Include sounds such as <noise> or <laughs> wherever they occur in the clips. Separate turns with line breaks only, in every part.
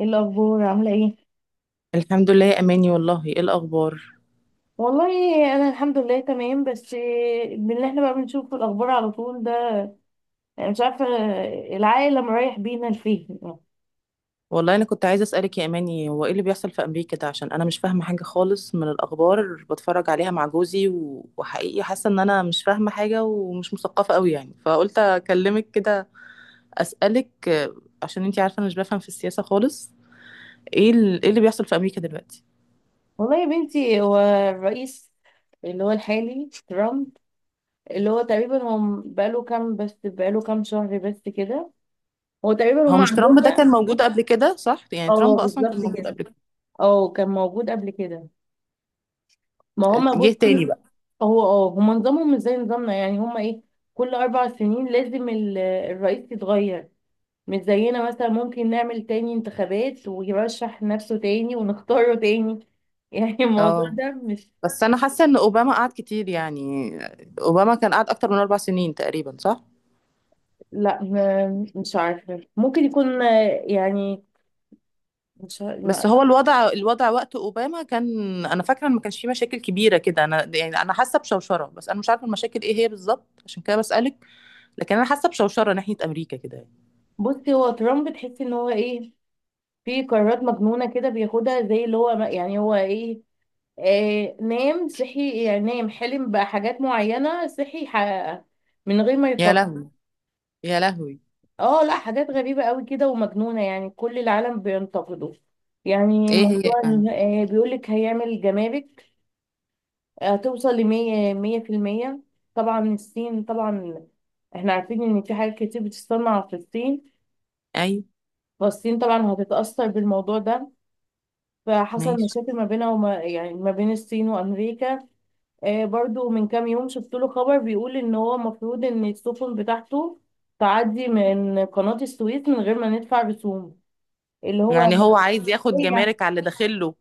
ايه الاخبار عامله ايه؟
الحمد لله يا اماني، والله؟ ايه الاخبار؟
والله انا الحمد لله تمام، بس من اللي احنا بقى بنشوفه الاخبار على طول ده. أنا مش عارفه العالم رايح بينا لفين.
والله انا كنت عايزه اسالك يا اماني، هو ايه اللي بيحصل في امريكا ده؟ عشان انا مش فاهمه حاجه خالص من الاخبار. بتفرج عليها مع جوزي وحقيقي حاسه ان انا مش فاهمه حاجه ومش مثقفه قوي يعني، فقلت اكلمك كده اسالك. عشان انتي عارفه انا مش بفهم في السياسه خالص. ايه ايه اللي بيحصل في امريكا دلوقتي؟
والله يا بنتي، هو الرئيس اللي هو الحالي ترامب، اللي هو تقريبا هو بقاله كام شهر بس كده. هو تقريبا
هو
هم
مش
عندهم
ترامب ده
بقى.
كان موجود قبل كده؟ صح؟ يعني
اه
ترامب اصلا كان
بالظبط
موجود
كده،
قبل كده،
اه كان موجود قبل كده. ما هم
جه
بصي،
تاني بقى.
هو هم نظامهم مش زي نظامنا، يعني هم ايه، كل 4 سنين لازم الرئيس يتغير، مش زينا مثلا ممكن نعمل تاني انتخابات ويرشح نفسه تاني ونختاره تاني <laughs> يعني الموضوع
اه،
ده مش.
بس انا حاسه ان اوباما قعد كتير يعني. اوباما كان قعد اكتر من اربع سنين تقريبا، صح؟
لا، مش عارفة، ممكن يكون يعني مش عارفة.
بس هو الوضع وقت اوباما كان، انا فاكره ان ما كانش فيه مشاكل كبيره كده. انا يعني انا حاسه بشوشره، بس انا مش عارفه المشاكل ايه هي بالظبط، عشان كده بسالك. لكن انا حاسه بشوشره ناحيه امريكا كده يعني.
بصي، هو ترامب تحسي ان هو ايه، في قرارات مجنونة كده بياخدها، زي اللي هو يعني هو ايه، آه نام صحي يعني، نام حلم بحاجات معينة صحي حققها من غير ما
يا
يفكر.
لهوي، يا لهوي.
اه لا، حاجات غريبة قوي كده ومجنونة، يعني كل العالم بينتقده. يعني
ايه هي
موضوع
يعني؟
بيقولك هيعمل جمارك هتوصل لمية مية في المية. طبعا الصين، طبعا احنا عارفين ان في حاجات كتير بتتصنع في الصين،
ايوه،
فالصين طبعا هتتأثر بالموضوع ده. فحصل
ماشي،
مشاكل ما بينها وما يعني ما بين الصين وأمريكا. برضو من كام يوم شفت له خبر بيقول ان هو المفروض ان السفن بتاعته تعدي من قناة السويس من غير ما ندفع رسوم، اللي هو
يعني هو عايز ياخد
هي.
جمارك على اللي داخله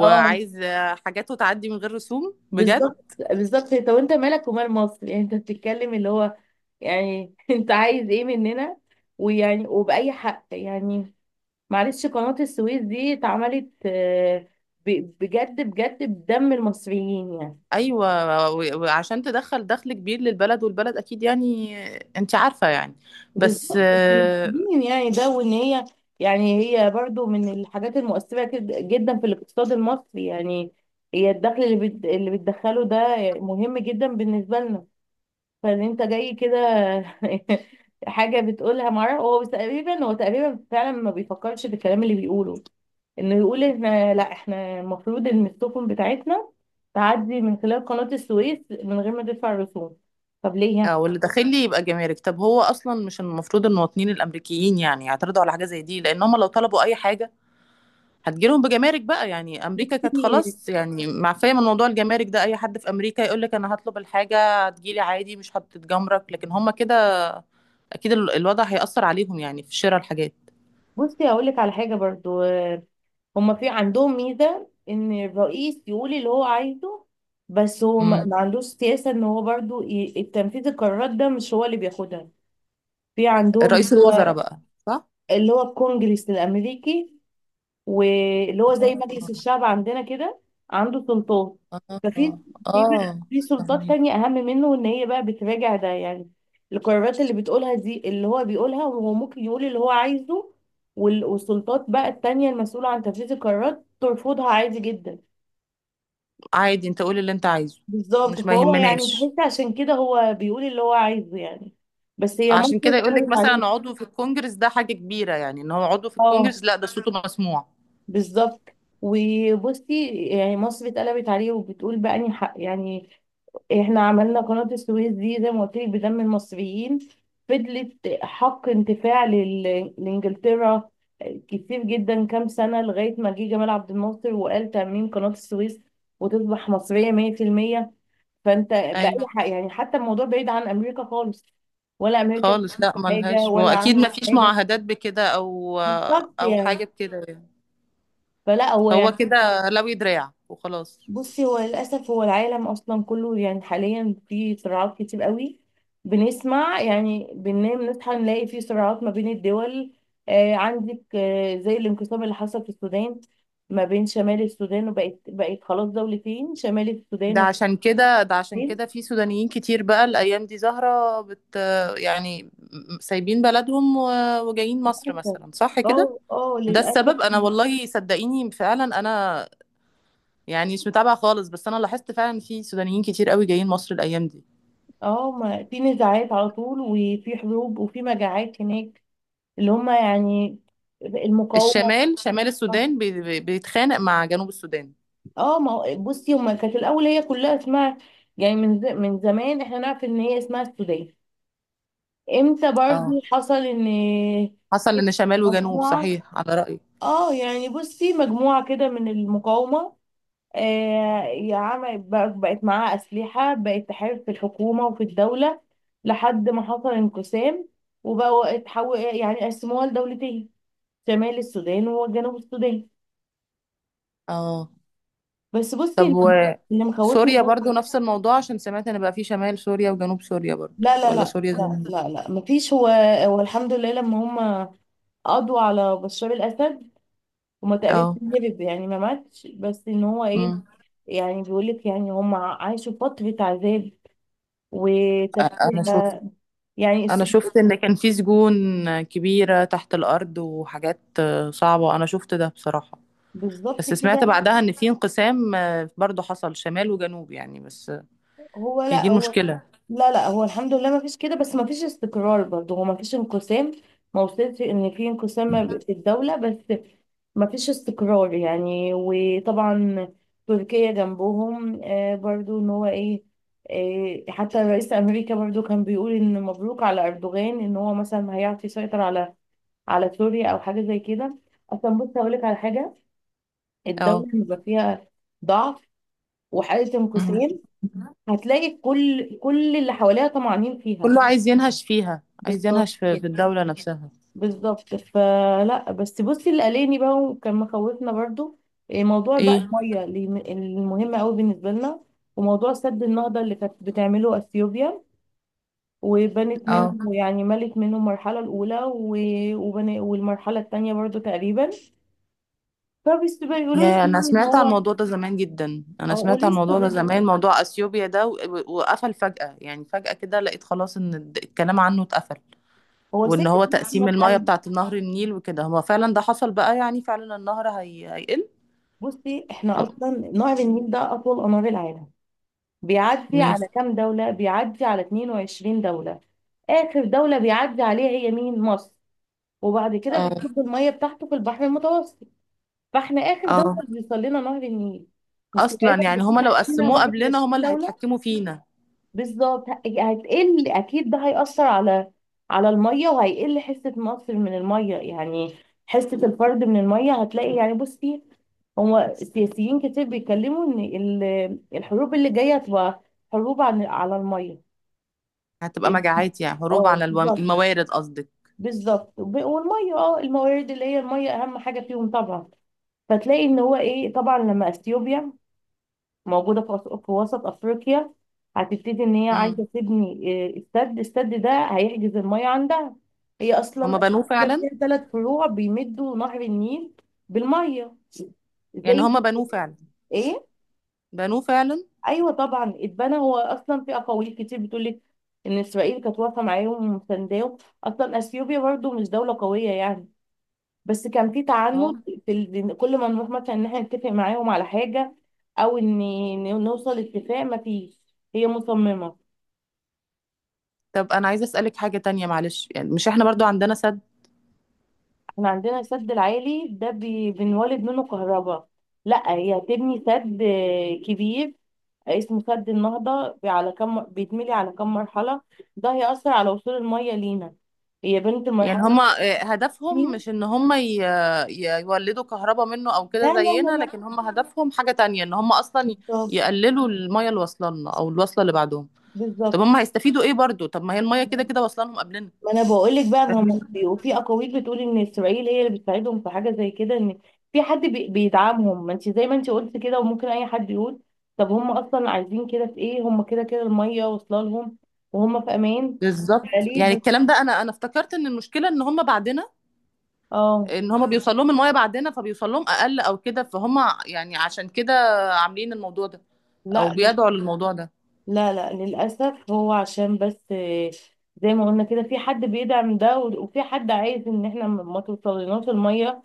اه
حاجاته تعدي من غير رسوم بجد.
بالظبط بالظبط، طب انت مالك ومال مصر؟ يعني انت بتتكلم اللي هو، يعني <laughs> انت عايز ايه مننا؟ ويعني وبأي حق يعني؟ معلش، قناة السويس دي اتعملت بجد بجد بدم المصريين يعني.
ايوه وعشان تدخل دخل كبير للبلد، والبلد اكيد يعني انت عارفه يعني. بس
بالظبط، احنا محتاجين يعني ده، وان هي يعني، هي برضو من الحاجات المؤثرة جدا في الاقتصاد المصري يعني، هي الدخل اللي اللي بتدخله ده مهم جدا بالنسبة لنا. فان انت جاي كده <laughs> حاجة بتقولها مرة. هو بس تقريبا، هو تقريبا فعلا ما بيفكرش بالكلام اللي بيقوله، انه يقول احنا، لا احنا المفروض ان السفن بتاعتنا تعدي من خلال قناة السويس من غير ما تدفع رسوم. طب ليه؟
او اللي داخل لي يبقى جمارك. طب هو اصلا مش المفروض المواطنين الامريكيين يعني يعترضوا على حاجه زي دي؟ لان هم لو طلبوا اي حاجه هتجيلهم بجمارك بقى. يعني امريكا كانت
بصي
خلاص يعني معفيه من موضوع الجمارك ده، اي حد في امريكا يقول لك انا هطلب الحاجه هتجيلي عادي، مش هتتجمرك. لكن هم كده اكيد الوضع هيأثر عليهم يعني في شراء الحاجات.
بصي هقول لك على حاجة برضو. هما في عندهم ميزة ان الرئيس يقول اللي هو عايزه، بس هو ما
مم.
ما عندوش سياسة ان هو برضو تنفيذ القرارات ده مش هو اللي بياخدها. في عندهم اللي
رئيس الوزراء
هو،
بقى.
اللي هو الكونجرس الامريكي، واللي هو زي مجلس
صح.
الشعب عندنا كده، عنده سلطات. ففي،
اه.
في
اه.
سلطات
فهميك.
تانية أهم منه، إن هي بقى بتراجع ده يعني، القرارات اللي بتقولها دي اللي هو بيقولها. وهو ممكن يقول اللي هو عايزه، والسلطات بقى التانية المسؤولة عن تنفيذ القرارات ترفضها عادي جدا.
عادي، انت قول اللي انت عايزه.
بالظبط،
مش ما
فهو يعني
يهمناش.
تحس عشان كده هو بيقول اللي هو عايزه يعني، بس هي مصر
عشان كده يقول لك
اتقلبت عليه.
مثلا عضو في الكونجرس ده حاجة كبيرة يعني، ان هو عضو في
اه
الكونجرس، لا ده صوته مسموع.
بالظبط. وبصي يعني مصر اتقلبت عليه وبتقول بقى اني حق يعني، احنا عملنا قناة السويس دي زي ما قلت لك بدم المصريين، فضلت حق انتفاع لانجلترا كتير جدا كام سنة، لغاية ما جه جمال عبد الناصر وقال تأميم قناة السويس وتصبح مصرية 100%. فانت بأي
ايوه.
حق يعني؟ حتى الموضوع بعيد عن أمريكا خالص، ولا أمريكا
خالص،
عملت
لا
حاجة
ملهاش،
ولا
واكيد ما
عملت
فيش
حاجة.
معاهدات بكده او
بالظبط
او
يعني،
حاجة بكده يعني.
فلا هو
هو
يعني.
كده لوي دراع وخلاص.
بصي، هو للأسف هو العالم أصلا كله يعني حاليا في صراعات كتير قوي، بنسمع يعني، بننام نصحى نلاقي في صراعات ما بين الدول. آه عندك آه زي الانقسام اللي حصل في السودان، ما بين شمال السودان وبقت خلاص دولتين، شمال السودان
ده
والسودان.
عشان كده ده عشان كده في سودانيين كتير بقى الايام دي زهرة بت، يعني سايبين بلدهم وجايين مصر
للأسف.
مثلا، صح كده؟
اه اه
ده
للأسف.
السبب. انا والله صدقيني فعلا، انا يعني مش متابعه خالص، بس انا لاحظت فعلا في سودانيين كتير قوي جايين مصر الايام دي.
اه ما في نزاعات على طول، وفي حروب وفي مجاعات هناك، اللي هما يعني المقاومة.
الشمال، شمال السودان بيتخانق مع جنوب السودان.
اه، ما بصي، هما كانت الاول هي كلها اسمها يعني، من من زمان احنا نعرف ان هي اسمها السودان. امتى برضو
اه،
حصل ان
حصل
في
ان شمال وجنوب،
مجموعه،
صحيح على رأيي.
اه يعني بصي مجموعه كده من المقاومه، آه يا عم بقت معاها اسلحه، بقت تحارب في الحكومه وفي الدوله، لحد ما حصل انقسام وبقوا اتحول يعني قسموها لدولتين، شمال السودان وجنوب السودان.
اه،
بس بصي
طب
اللي،
و
اللي مخوفني.
سوريا برضو نفس الموضوع؟ عشان سمعت ان بقى في شمال سوريا وجنوب سوريا برضو،
لا لا
ولا
لا
سوريا زي
لا
ما هي؟
لا لا، مفيش. هو، هو الحمد لله لما هم قضوا على بشار الأسد، هما تقريبا
اه.
هرب يعني ما ماتش، بس ان هو ايه،
امم.
يعني بيقولك يعني هم عاشوا فترة عذاب
أ- انا
وتفكير،
شفت
يعني
انا
السلوك.
شفت ان كان في سجون كبيرة تحت الارض وحاجات صعبة، انا شفت ده بصراحة.
بالظبط
بس سمعت
كده.
بعدها ان في انقسام برضو حصل شمال وجنوب يعني، بس
هو
هي دي
لا هو،
المشكلة.
لا لا، هو الحمد لله ما فيش كده، بس ما فيش استقرار برضه. هو ما فيش انقسام، ما وصلش ان في انقسام ما في الدولة، بس مفيش استقرار يعني. وطبعا تركيا جنبهم، برضو ان هو ايه، حتى رئيس امريكا برضو كان بيقول ان مبروك على اردوغان ان هو مثلا هيعرف يسيطر على، على سوريا او حاجه زي كده. اصلا بص هقول لك على حاجه، الدوله
اه.
اللي بيبقى فيها ضعف وحاله
مم.
انقسام، هتلاقي كل اللي حواليها طمعانين فيها.
كله عايز ينهش فيها، عايز
بالظبط
ينهش في الدولة نفسها.
بالظبط. فلا، بس بصي اللي قلقني بقى وكان مخوفنا برضو، موضوع بقى
ايه.
الميه اللي مهم قوي بالنسبه لنا، وموضوع سد النهضه اللي كانت بتعمله اثيوبيا، وبنت منه
اه،
يعني ملت منه المرحله الاولى، والمرحله الثانيه برضو تقريبا. فبس بيقولوا لي
يا، انا
يعني ان
سمعت عن
هو،
الموضوع ده زمان جدا، انا سمعت عن
ولسه
الموضوع
لغايه
ده زمان،
دلوقتي
موضوع اثيوبيا ده وقفل فجأة، يعني فجأة كده لقيت خلاص ان الكلام عنه اتقفل.
هو
وان
ساكت،
هو
بس ما
تقسيم المياه
اتحل.
بتاعة نهر النيل وكده، هو فعلا ده حصل بقى؟ يعني فعلا النهر هيقل؟
بصي احنا
اه.
اصلا نهر النيل ده اطول انهار العالم، بيعدي
ماشي.
على كام دولة، بيعدي على 22 دولة. آخر دولة بيعدي عليها هي مين؟ مصر. وبعد كده
اه.
بيصب المية بتاعته في البحر المتوسط. فاحنا آخر دولة
اه.
بيوصل لنا نهر النيل،
اصلا
مستوعبة ان
يعني
في
هما لو
تحتنا
قسموه قبلنا
21
هما اللي
دولة.
هيتحكموا فينا.
بالظبط. هتقل اكيد، ده هيأثر على، على الميه، وهيقل حصة مصر من الميه يعني، حصة الفرد من الميه. هتلاقي يعني بصي، هو السياسيين كتير بيتكلموا ان الحروب اللي جاية هتبقى حروب عن على الميه.
هتبقى مجاعات، يعني حروب
اه
على
بالظبط
الموارد قصدك؟
بالظبط. والميه، اه الموارد اللي هي الميه اهم حاجة فيهم طبعا. فتلاقي ان هو ايه، طبعا لما اثيوبيا موجودة في في وسط أفريقيا، هتبتدي إن هي
امم.
عايزة تبني استاد الاستاد ده هيحجز المية عندها. هي
هما
أصلا
بنوه
أفريقيا
فعلا؟
فيها 3 فروع بيمدوا نهر النيل بالمية،
يعني
زي.
هما بنوه فعلا؟
إيه؟
بنوه فعلا؟
أيوة طبعا اتبنى. هو أصلا في أقاويل كتير بتقولك إن إسرائيل كانت واقفة معاهم ومسانداهم، أصلا أثيوبيا برضو مش دولة قوية يعني، بس كان في
اه.
تعنت في ال... إن كل ما نروح مثلا ان احنا نتفق معاهم على حاجه، او ان إن نوصل اتفاق، ما فيش، هي مصممه.
طب انا عايزه اسالك حاجه تانية معلش، يعني مش احنا برضو عندنا سد؟
احنا عندنا السد العالي ده بنولد منه كهرباء. لا، هي هتبني سد كبير اسمه سد النهضه، على كم بيتملي على كم مرحله، ده هيأثر على وصول الميه لينا. هي بنت
يعني
المرحله
هما هدفهم
الثانيه.
مش ان هما يولدوا كهرباء منه او
لا
كده
لا لا
زينا، لكن
لا.
هما هدفهم حاجه تانية، ان هما اصلا
بالظبط
يقللوا الميه اللي واصله لنا او الواصله اللي بعدهم؟ طب
بالظبط.
هما هيستفيدوا ايه برضو؟ طب ما هي الميه كده كده واصله لهم قبلنا.
ما انا بقول لك بقى، ما هم، وفي اقاويل بتقول ان اسرائيل هي اللي بتساعدهم في حاجه زي كده، ان في حد بيدعمهم. ما انت زي ما انت قلت كده، وممكن اي حد يقول طب هم اصلا عايزين كده في ايه، هم كده كده الميه واصله لهم وهم في امان.
بالظبط،
فليه
يعني
بس؟
الكلام ده، انا افتكرت ان المشكله ان هم بعدنا،
اه
ان هم بيوصل لهم المايه بعدنا فبيوصل لهم اقل او كده، فهم يعني عشان كده عاملين الموضوع ده او
لا
بيدعوا للموضوع ده.
لا لا للاسف، هو عشان بس، زي ما قلنا كده، في حد بيدعم ده، وفي حد عايز ان احنا ما توصلناش الميه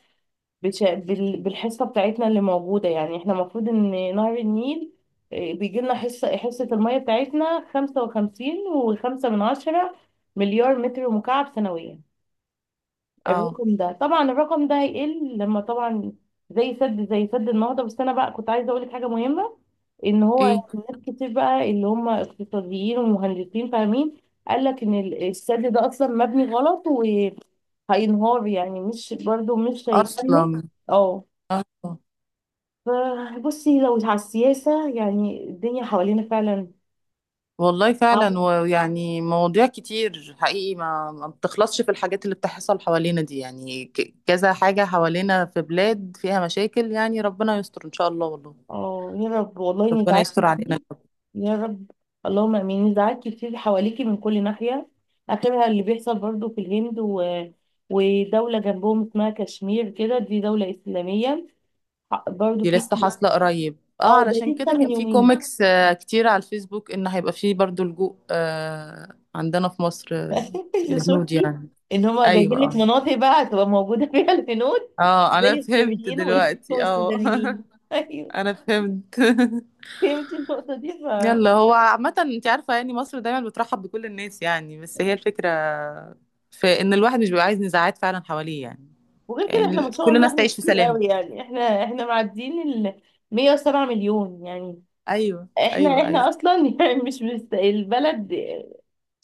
بالحصة بتاعتنا اللي موجودة يعني. احنا المفروض ان نهر النيل، بيجي لنا حصة، المية بتاعتنا 55.5 مليار متر مكعب سنويا.
اه.
الرقم ده طبعا، الرقم ده هيقل لما طبعا، زي سد، النهضة. بس انا بقى كنت عايزة اقولك حاجة مهمة، ان هو
ايه؟
ناس كتير بقى اللي هم اقتصاديين ومهندسين فاهمين، قالك ان السد ده اصلا مبني غلط وهينهار يعني، مش برضو مش هيكمل.
اصلا؟
اه.
اه.
ف- بصي، لو على السياسة يعني الدنيا حوالينا فعلا
والله فعلا.
صعبة.
ويعني مواضيع كتير حقيقي ما بتخلصش، في الحاجات اللي بتحصل حوالينا دي يعني، كذا حاجه حوالينا في بلاد فيها مشاكل يعني، ربنا يستر ان شاء الله والله.
اه يا رب والله،
ربنا
نزاعات
يستر علينا.
كتير. يا رب. اللهم امين، نزاعات كتير حواليكي من كل ناحية، اخرها اللي بيحصل برضو في الهند و... ودولة جنبهم اسمها كشمير كده، دي دولة إسلامية برضو
دي
في.
لسه حاصلة قريب،
اه
اه،
ده
علشان
لسه
كده
من
كان في
يومين.
كوميكس كتير على الفيسبوك ان هيبقى فيه برضو لجوء عندنا في مصر،
<laughs>
الهنود
شفتي
يعني.
ان هما جايبين
ايوه.
لك
اه.
مناطق بقى هتبقى موجودة فيها الهنود،
اه انا
زي
فهمت
السوريين
دلوقتي، اه.
والسودانيين <laughs> ايوه،
<laughs> انا فهمت.
فهمتي النقطة دي.
<laughs> يلا، هو عامة انت عارفة يعني مصر دايما بترحب بكل الناس يعني، بس هي الفكرة في ان الواحد مش بيبقى عايز نزاعات فعلا حواليه يعني،
وغير كده احنا
يعني
ما شاء
كل
الله
الناس
احنا
تعيش في
كتير
سلام.
قوي يعني، احنا معديين ال 107 مليون يعني.
ايوه، ايوه.
احنا
ايوه،
اصلا <laughs> يعني مش مست... البلد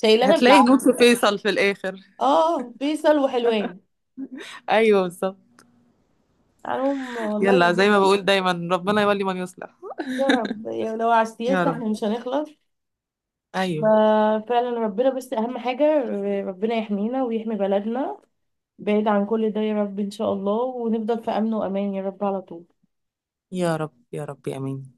شايلانا
هتلاقي هنود
بالعافيه
في
يعني.
فيصل في الاخر. <laughs>
اه فيصل وحلوان
ايوه، بالظبط.
عنهم
يلا،
والله.
زي ما بقول دايما، ربنا يولي من يصلح.
يا رب، يا لو على
يا
السياسه
رب.
احنا مش هنخلص.
ايوه.
ففعلا ربنا بس اهم حاجه، ربنا يحمينا ويحمي بلدنا بعيد عن كل ده يا رب ان شاء الله، ونفضل في امن وامان يا رب على طول.
يا رب، يا رب، امين.